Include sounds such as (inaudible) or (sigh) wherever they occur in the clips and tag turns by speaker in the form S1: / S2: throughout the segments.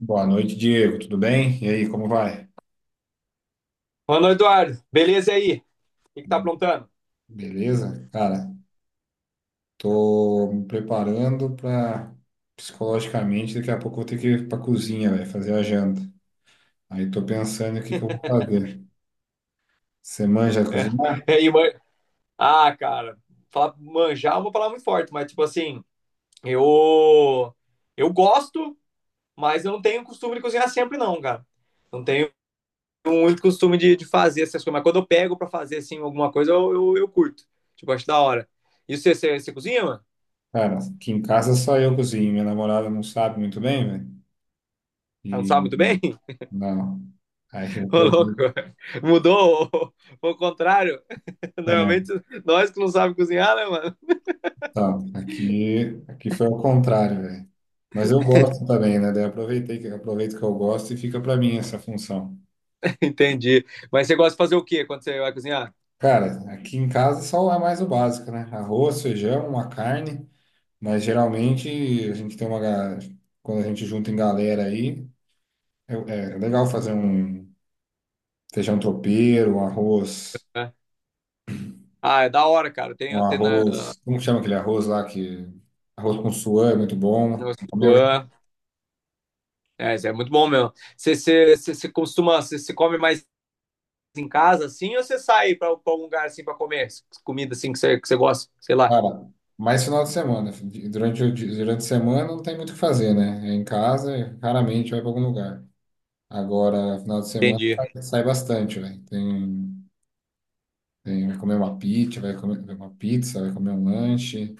S1: Boa noite, Diego. Tudo bem? E aí, como vai?
S2: Mano Eduardo, beleza aí? O que que tá
S1: Be-
S2: aprontando?
S1: Beleza? Cara, tô me preparando para psicologicamente, daqui a pouco eu vou ter que ir pra cozinha, velho, fazer a janta. Aí tô pensando o que que eu vou
S2: (laughs)
S1: fazer. Você manja
S2: É,
S1: cozinhar?
S2: e aí, ah, cara, falar manjar é uma palavra muito forte, mas tipo assim, eu eu gosto, mas eu não tenho costume de cozinhar sempre não, cara. Não tenho muito costume de fazer essas coisas, mas quando eu pego pra fazer assim alguma coisa, eu curto. Tipo, acho da hora. E você cozinha, mano?
S1: Cara, aqui em casa só eu cozinho, minha namorada não sabe muito bem, velho.
S2: Ah, não
S1: E
S2: sabe muito bem?
S1: não. Aí eu
S2: (laughs) Ô,
S1: tô...
S2: louco. Mudou o contrário. (laughs)
S1: É,
S2: Normalmente nós que não sabemos cozinhar, né, mano?
S1: tá. Aqui foi ao contrário, velho. Mas eu gosto também, né? Daí eu aproveitei que aproveito que eu gosto e fica pra mim essa função.
S2: (laughs) Entendi. Mas você gosta de fazer o quê quando você vai cozinhar?
S1: Cara, aqui em casa só é mais o básico, né? Arroz, feijão, uma carne, mas geralmente a gente tem uma. Quando a gente junta em galera aí, é legal fazer um feijão tropeiro, um arroz,
S2: É. Ah, é da hora, cara.
S1: um
S2: Tem
S1: arroz. Como chama aquele arroz lá que. Arroz com suã é muito bom.
S2: no
S1: Comeu já,
S2: Sichuan. É, isso é muito bom mesmo. Você costuma, você come mais em casa, assim, ou você sai para algum lugar, assim, para comer comida, assim, que você gosta? Sei lá.
S1: cara, mais final de semana. Durante, durante a semana não tem muito o que fazer, né? É em casa, raramente vai para algum lugar. Agora, final de semana
S2: Entendi.
S1: sai, sai bastante, velho. Tem. Vai comer uma pizza, vai comer uma pizza, vai comer um lanche,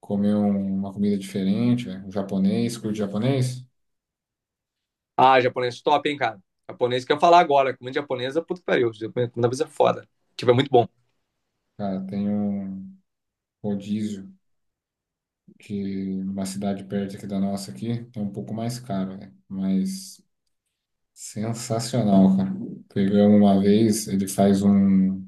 S1: uma comida diferente, né? Um japonês, curte japonês?
S2: Ah, japonês top, hein, cara. Japonês que eu ia falar agora. Comida japonesa, puta que pariu. Comida vez é foda. Tipo, é muito bom.
S1: Cara, tem um rodízio que numa cidade perto aqui da nossa aqui, é um pouco mais caro, né? Mas sensacional, cara. Pegamos uma vez, ele faz um,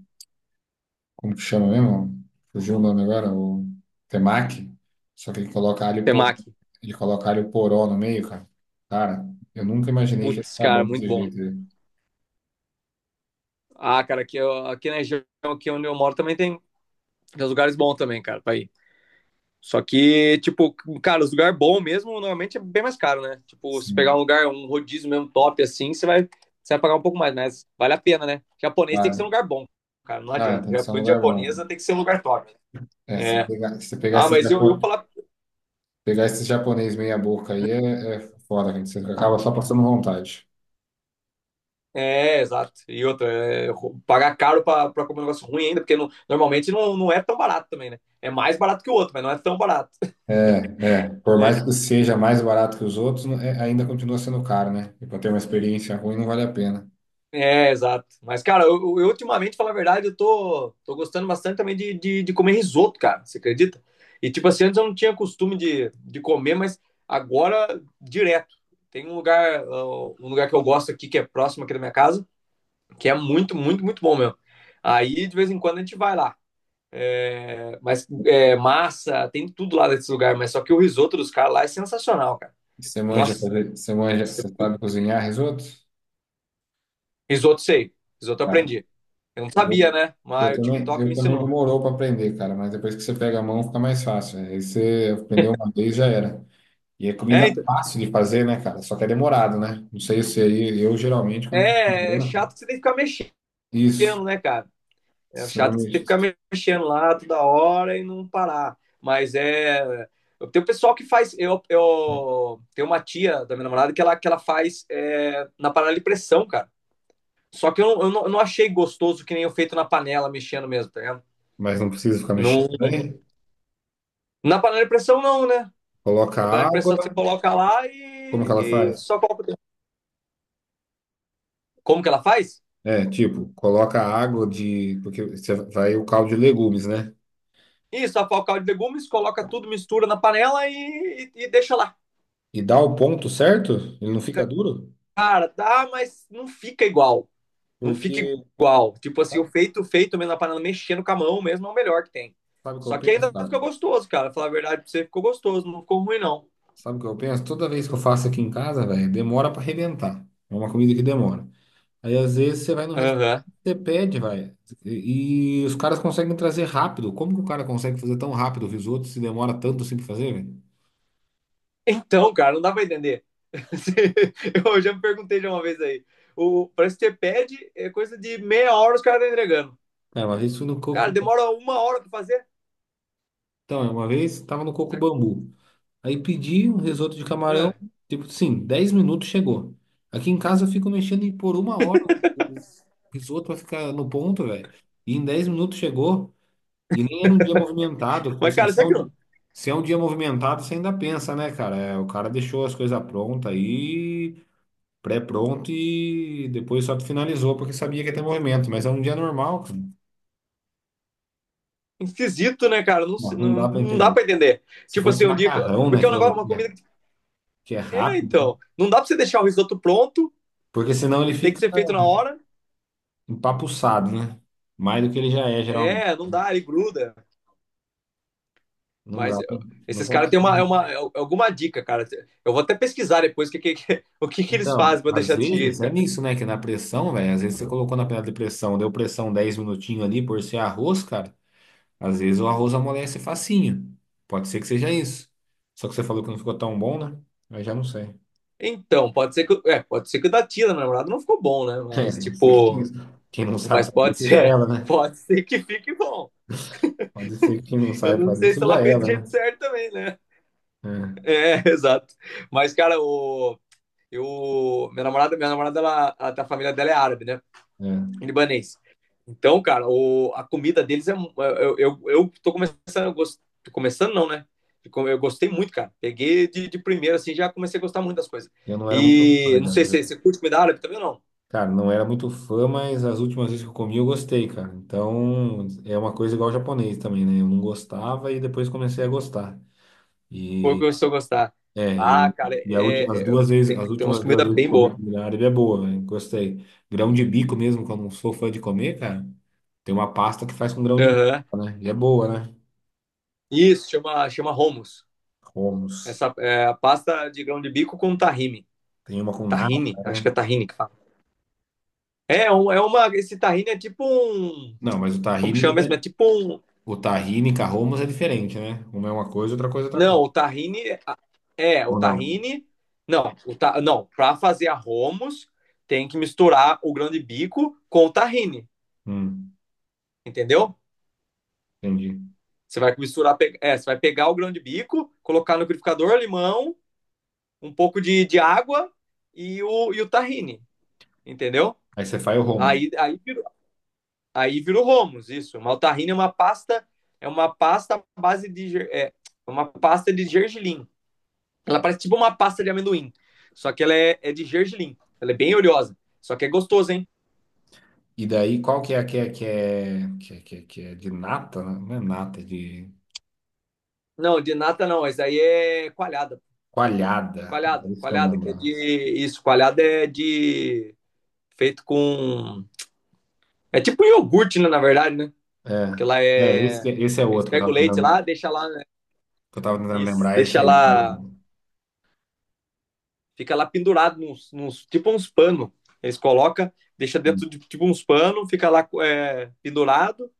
S1: como que chama mesmo? Fugiu o nome agora, o temaki, só que ele coloca alho poró,
S2: Temaki.
S1: ele coloca alho poró no meio, cara. Cara, eu nunca imaginei que ia
S2: Putz,
S1: ficar
S2: cara,
S1: bom
S2: muito
S1: desse
S2: bom.
S1: jeito, né?
S2: Ah, cara, aqui, aqui na região aqui onde eu moro também tem, uns lugares bons também, cara, pra ir. Só que, tipo, cara, os lugar bom mesmo, normalmente é bem mais caro, né? Tipo, se pegar
S1: Sim,
S2: um lugar, um rodízio mesmo top assim, você vai pagar um pouco mais, mas vale a pena, né? Japonês tem que ser um
S1: vale.
S2: lugar bom, cara, não
S1: Não, é,
S2: adianta.
S1: tem que ser um
S2: Comida
S1: lugar bom, né?
S2: japonesa tem que ser um lugar top.
S1: É, se
S2: É.
S1: pegar, se pegar
S2: Ah, mas eu falar.
S1: pegar esse japonês meia boca aí é foda, gente. Você acaba só passando vontade.
S2: É, exato. E outra, é, pagar caro pra comer um negócio ruim ainda, porque normalmente não, não é tão barato também, né? É mais barato que o outro, mas não é tão barato.
S1: É, é. Por mais que seja mais barato que os outros, ainda continua sendo caro, né? E para ter uma experiência ruim não vale a pena.
S2: É, exato. Mas, cara, eu ultimamente, falar a verdade, eu tô gostando bastante também de comer risoto, cara. Você acredita? E, tipo assim, antes eu não tinha costume de comer, mas agora, direto. Tem um lugar que eu gosto aqui, que é próximo aqui da minha casa, que é muito, muito, muito bom mesmo. Aí, de vez em quando, a gente vai lá. É, mas é, massa, tem tudo lá nesse lugar, mas só que o risoto dos caras lá é sensacional, cara.
S1: E você manja
S2: Nossa,
S1: fazer, você manja, você sabe cozinhar risoto?
S2: risoto sei. Risoto eu
S1: Ah,
S2: aprendi. Eu não sabia,
S1: risoto.
S2: né?
S1: Eu
S2: Mas o
S1: também,
S2: TikTok
S1: eu
S2: me
S1: também
S2: ensinou.
S1: demorou para aprender, cara, mas depois que você pega a mão fica mais fácil, né? Aí você aprendeu uma vez já era. E é comida
S2: É,
S1: é
S2: então,
S1: fácil de fazer, né, cara? Só que é demorado, né? Não sei se aí, eu geralmente, quando tô com
S2: é, é
S1: problema,
S2: chato que você tem que ficar mexendo,
S1: isso,
S2: né, cara? É
S1: se eu não
S2: chato que você tem que ficar
S1: mexe,
S2: mexendo lá toda hora e não parar. Mas é. Tem o pessoal que faz. Eu tenho uma tia da minha namorada que ela faz na panela de pressão, cara. Só que não, eu não achei gostoso que nem eu feito na panela, mexendo mesmo, tá vendo?
S1: mas não precisa ficar mexendo,
S2: Não,
S1: né?
S2: na panela de pressão, não, né?
S1: Coloca
S2: Na panela de
S1: água,
S2: pressão você coloca lá
S1: como é que ela
S2: e
S1: faz?
S2: só coloca. Como que ela faz?
S1: É, tipo, coloca água de, porque você vai o caldo de legumes, né?
S2: Isso, a o de legumes, coloca tudo, mistura na panela e deixa lá.
S1: E dá o ponto certo, ele não fica duro,
S2: Cara, dá, mas não fica igual. Não fica
S1: porque,
S2: igual. Tipo assim, o
S1: sabe,
S2: feito, feito mesmo, a panela mexendo com a mão mesmo é o melhor que tem.
S1: sabe o que eu
S2: Só que
S1: penso,
S2: ainda
S1: cara?
S2: fica gostoso, cara. Falar a verdade pra você, ficou gostoso, não ficou ruim, não.
S1: Sabe o que eu penso? Toda vez que eu faço aqui em casa, velho, demora pra arrebentar. É uma comida que demora. Aí às vezes você vai no restaurante,
S2: Aham.
S1: você pede, vai. E os caras conseguem trazer rápido. Como que o cara consegue fazer tão rápido o risoto se demora tanto assim pra fazer, velho?
S2: Então, cara, não dá pra entender. (laughs) Eu já me perguntei de uma vez aí. O, parece que você pede, é coisa de meia hora os caras estão entregando.
S1: Cara, uma vez fui no
S2: Cara,
S1: Coco.
S2: demora uma hora pra fazer.
S1: Então, é, uma vez tava no Coco
S2: Será que...
S1: Bambu. Aí pedi um risoto de
S2: Ah.
S1: camarão, tipo, sim, 10 minutos chegou. Aqui em casa eu fico mexendo em por uma hora o risoto vai ficar no ponto, velho. E em 10 minutos chegou. E nem era um dia movimentado, porque
S2: Mas,
S1: assim,
S2: cara, será que não...
S1: se é um dia movimentado, você ainda pensa, né, cara? É, o cara deixou as coisas prontas aí, pré-pronto e depois só finalizou porque sabia que ia ter movimento, mas é um dia normal, cara.
S2: esquisito, né, cara? Não,
S1: Não
S2: sei...
S1: não dá
S2: não,
S1: pra
S2: não dá
S1: entender.
S2: pra entender.
S1: Se
S2: Tipo
S1: fosse
S2: assim, um dia. Que eu...
S1: macarrão, né,
S2: porque é um negócio, uma comida.
S1: que é
S2: É,
S1: rápido,
S2: então. Não dá pra você deixar o risoto pronto,
S1: porque senão ele
S2: tem que
S1: fica
S2: ser feito na hora.
S1: empapuçado, né? Mais do que ele já é, geralmente.
S2: É, não dá, ele gruda.
S1: Não
S2: Mas
S1: dá, pra-
S2: eu...
S1: não
S2: esses caras têm
S1: consigo.
S2: uma, é alguma dica, cara. Eu vou até pesquisar depois o (laughs) o que, que eles
S1: Então,
S2: fazem pra
S1: às
S2: deixar desse
S1: vezes
S2: jeito,
S1: é
S2: cara.
S1: nisso, né? Que na pressão, velho, às vezes você colocou na panela de pressão, deu pressão 10 minutinhos ali por ser arroz, cara. Às vezes o arroz amolece facinho. Pode ser que seja isso. Só que você falou que não ficou tão bom, né? Aí já não sei.
S2: Então, pode ser que, é, pode ser que o da Tina, minha namorada, não ficou bom, né?
S1: (laughs) É,
S2: Mas,
S1: pode ser que quem
S2: tipo,
S1: quem não
S2: mas
S1: sabe fazer
S2: pode
S1: seja
S2: ser,
S1: ela,
S2: (laughs)
S1: né?
S2: pode ser que fique bom.
S1: Pode ser que
S2: (laughs)
S1: quem não
S2: Eu
S1: sabe
S2: não
S1: fazer
S2: sei se
S1: seja
S2: ela fez do
S1: ela,
S2: jeito
S1: né?
S2: certo também, né?
S1: É,
S2: É, (laughs) exato. Mas, cara, o, eu, minha namorada, ela, a família dela é árabe, né?
S1: é.
S2: Libanês. Então, cara, o, a comida deles é. Eu tô começando, tô começando não, né? Eu gostei muito, cara. Peguei de primeira, assim, já comecei a gostar muito das coisas.
S1: Eu não era muito
S2: E
S1: fã,
S2: não
S1: já.
S2: sei
S1: já-
S2: se você curte comida árabe também ou não.
S1: Cara, não era muito fã, mas as últimas vezes que eu comi eu gostei, cara. Então é uma coisa igual ao japonês também, né? Eu não gostava e depois comecei a gostar.
S2: Ou começou a gostar.
S1: É,
S2: Ah,
S1: e,
S2: cara,
S1: e as duas vezes,
S2: tem,
S1: as
S2: umas
S1: últimas duas
S2: comidas
S1: vezes que
S2: bem
S1: comi
S2: boas.
S1: comida árabe é boa, né? Gostei. Grão de bico mesmo, que eu não sou fã de comer, cara. Tem uma pasta que faz com grão de
S2: Aham.
S1: bico, né? E é boa, né?
S2: Isso, chama hummus.
S1: Hummus.
S2: Essa é a pasta de grão de bico com tahine.
S1: Tem uma com
S2: Tahine,
S1: nata,
S2: acho que é
S1: né?
S2: tahine que fala. É, um... é uma. Esse tahine é tipo um.
S1: Não, mas o
S2: Como que
S1: tahine,
S2: chama mesmo?
S1: né?
S2: É tipo um,
S1: O tahine com a hummus é diferente, né? Uma é uma coisa, outra coisa é outra
S2: não,
S1: coisa.
S2: o tahine é o
S1: Ou não?
S2: tahine. Não, não, para fazer a hummus tem que misturar o grão de bico com o tahine,
S1: Hum,
S2: entendeu?
S1: entendi.
S2: Você vai misturar, é, você vai pegar o grão de bico, colocar no liquidificador, limão, um pouco de água e o tahine, entendeu?
S1: Aí você faz o hummus.
S2: Aí aí virou romos isso. Mas o tahine é uma pasta à base de é, é uma pasta de gergelim. Ela parece tipo uma pasta de amendoim. Só que ela é de gergelim. Ela é bem oleosa. Só que é gostoso, hein?
S1: E daí, qual que é a que é, que é, que é, que é, que é de nata, né? Não é nata, é de
S2: Não, de nata não. Essa aí é coalhada.
S1: coalhada. É isso que eu não
S2: Coalhada, que é
S1: lembro.
S2: de. Isso, coalhada é de. Feito com. É tipo um iogurte, né, na verdade, né? Que ela é.
S1: Esse é
S2: Eles
S1: outro que eu
S2: pegam o
S1: tava
S2: leite
S1: tentando,
S2: lá, deixa lá, né?
S1: que eu tava tentando
S2: Isso,
S1: lembrar, é esse
S2: deixa
S1: aí.
S2: lá.
S1: Olha.
S2: Fica lá pendurado nos tipo uns panos. Eles colocam, deixa dentro de tipo uns panos, fica lá é, pendurado.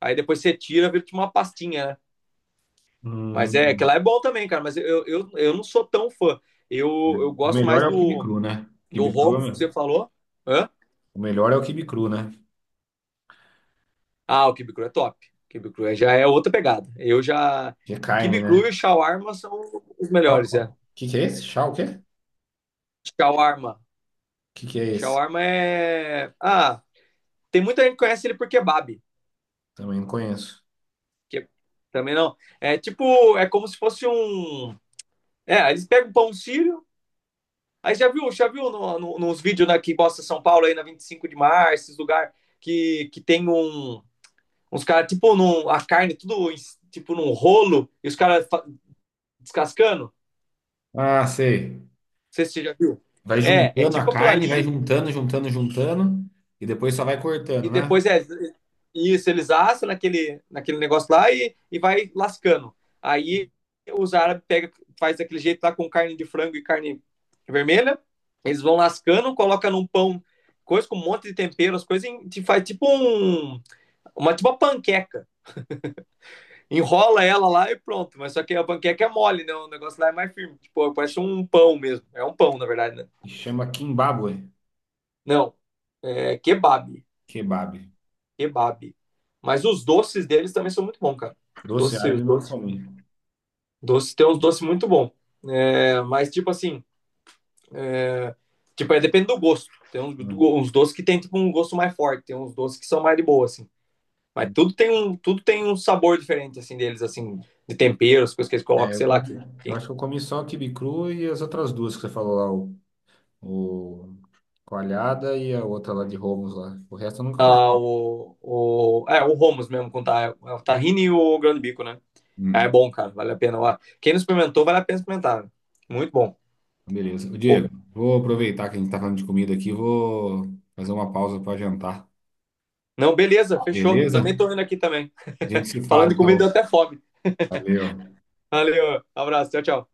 S2: Aí depois você tira, vira tipo uma pastinha, né? Mas é que
S1: Hum,
S2: lá é bom também, cara. Mas eu não sou tão fã. Eu, eu
S1: o
S2: gosto
S1: melhor
S2: mais
S1: é o quibe cru, né?
S2: do
S1: Quibe cru, é
S2: Romo que você falou. Hã?
S1: o melhor é o quibe cru, né?
S2: Ah, o Kibe Cru é top. Kibe Cru é... já é outra pegada. Eu já.
S1: Que é carne,
S2: Kibe Cru
S1: né?
S2: e Shawarma são os melhores, é.
S1: O que que é esse? Chá o quê? O
S2: Shawarma.
S1: que que é esse?
S2: Shawarma é. Ah, tem muita gente que conhece ele por kebab.
S1: Também não conheço.
S2: Que... também não. É tipo, é como se fosse um. É, eles pegam pão sírio. Aí já viu no, no, nos vídeos né, que mostra São Paulo aí na 25 de março, esses lugar que tem um, uns caras, tipo, num, a carne tudo tipo num rolo e os caras descascando? Não
S1: Ah, sei.
S2: sei se você já viu.
S1: Vai
S2: É, é
S1: juntando a
S2: tipo aquilo
S1: carne, vai
S2: ali,
S1: juntando, juntando, juntando, e depois só vai cortando,
S2: e
S1: né?
S2: depois é isso, eles assam naquele negócio lá e vai lascando. Aí os árabes pega, faz daquele jeito lá com carne de frango e carne vermelha, eles vão lascando, coloca num pão coisa com um monte de tempero, as coisas e faz tipo um uma tipo uma panqueca. Enrola ela lá e pronto, mas só que a panqueca é mole, né? O negócio lá é mais firme, tipo, parece um pão mesmo. É um pão, na verdade, né?
S1: E chama Kimbabue,
S2: Não. É kebab.
S1: kebab.
S2: Kebab. Mas os doces deles também são muito bons, cara.
S1: Doce
S2: Os
S1: árabe não
S2: doces,
S1: come.
S2: doces tem uns doces muito bons. É, mas, tipo assim, tipo, é, depende do gosto. Tem uns,
S1: Hum.
S2: uns doces que tem tipo, um gosto mais forte, tem uns doces que são mais de boa, assim. Mas
S1: Hum.
S2: tudo tem um sabor diferente, assim, deles, assim, de temperos, coisas que eles
S1: É,
S2: colocam,
S1: eu,
S2: sei lá,
S1: como,
S2: que
S1: eu acho que eu comi só o quibe cru e as outras duas que você falou lá, o coalhada e a outra lá de Romos lá. O resto eu nunca comi.
S2: ah, é, o Romos mesmo, com é o tahine e o grande bico, né? Ah, é
S1: Hum,
S2: bom, cara, vale a pena. Ó, quem não experimentou, vale a pena experimentar. Né? Muito bom.
S1: Beleza. Ô,
S2: O...
S1: Diego, vou aproveitar que a gente tá falando de comida aqui, vou fazer uma pausa para jantar.
S2: não, beleza, fechou.
S1: Beleza?
S2: Também tô indo aqui também.
S1: A gente se
S2: (laughs) Falando
S1: fala,
S2: de comida,
S1: então.
S2: deu até fome. (laughs)
S1: Valeu.
S2: Valeu, abraço, tchau, tchau.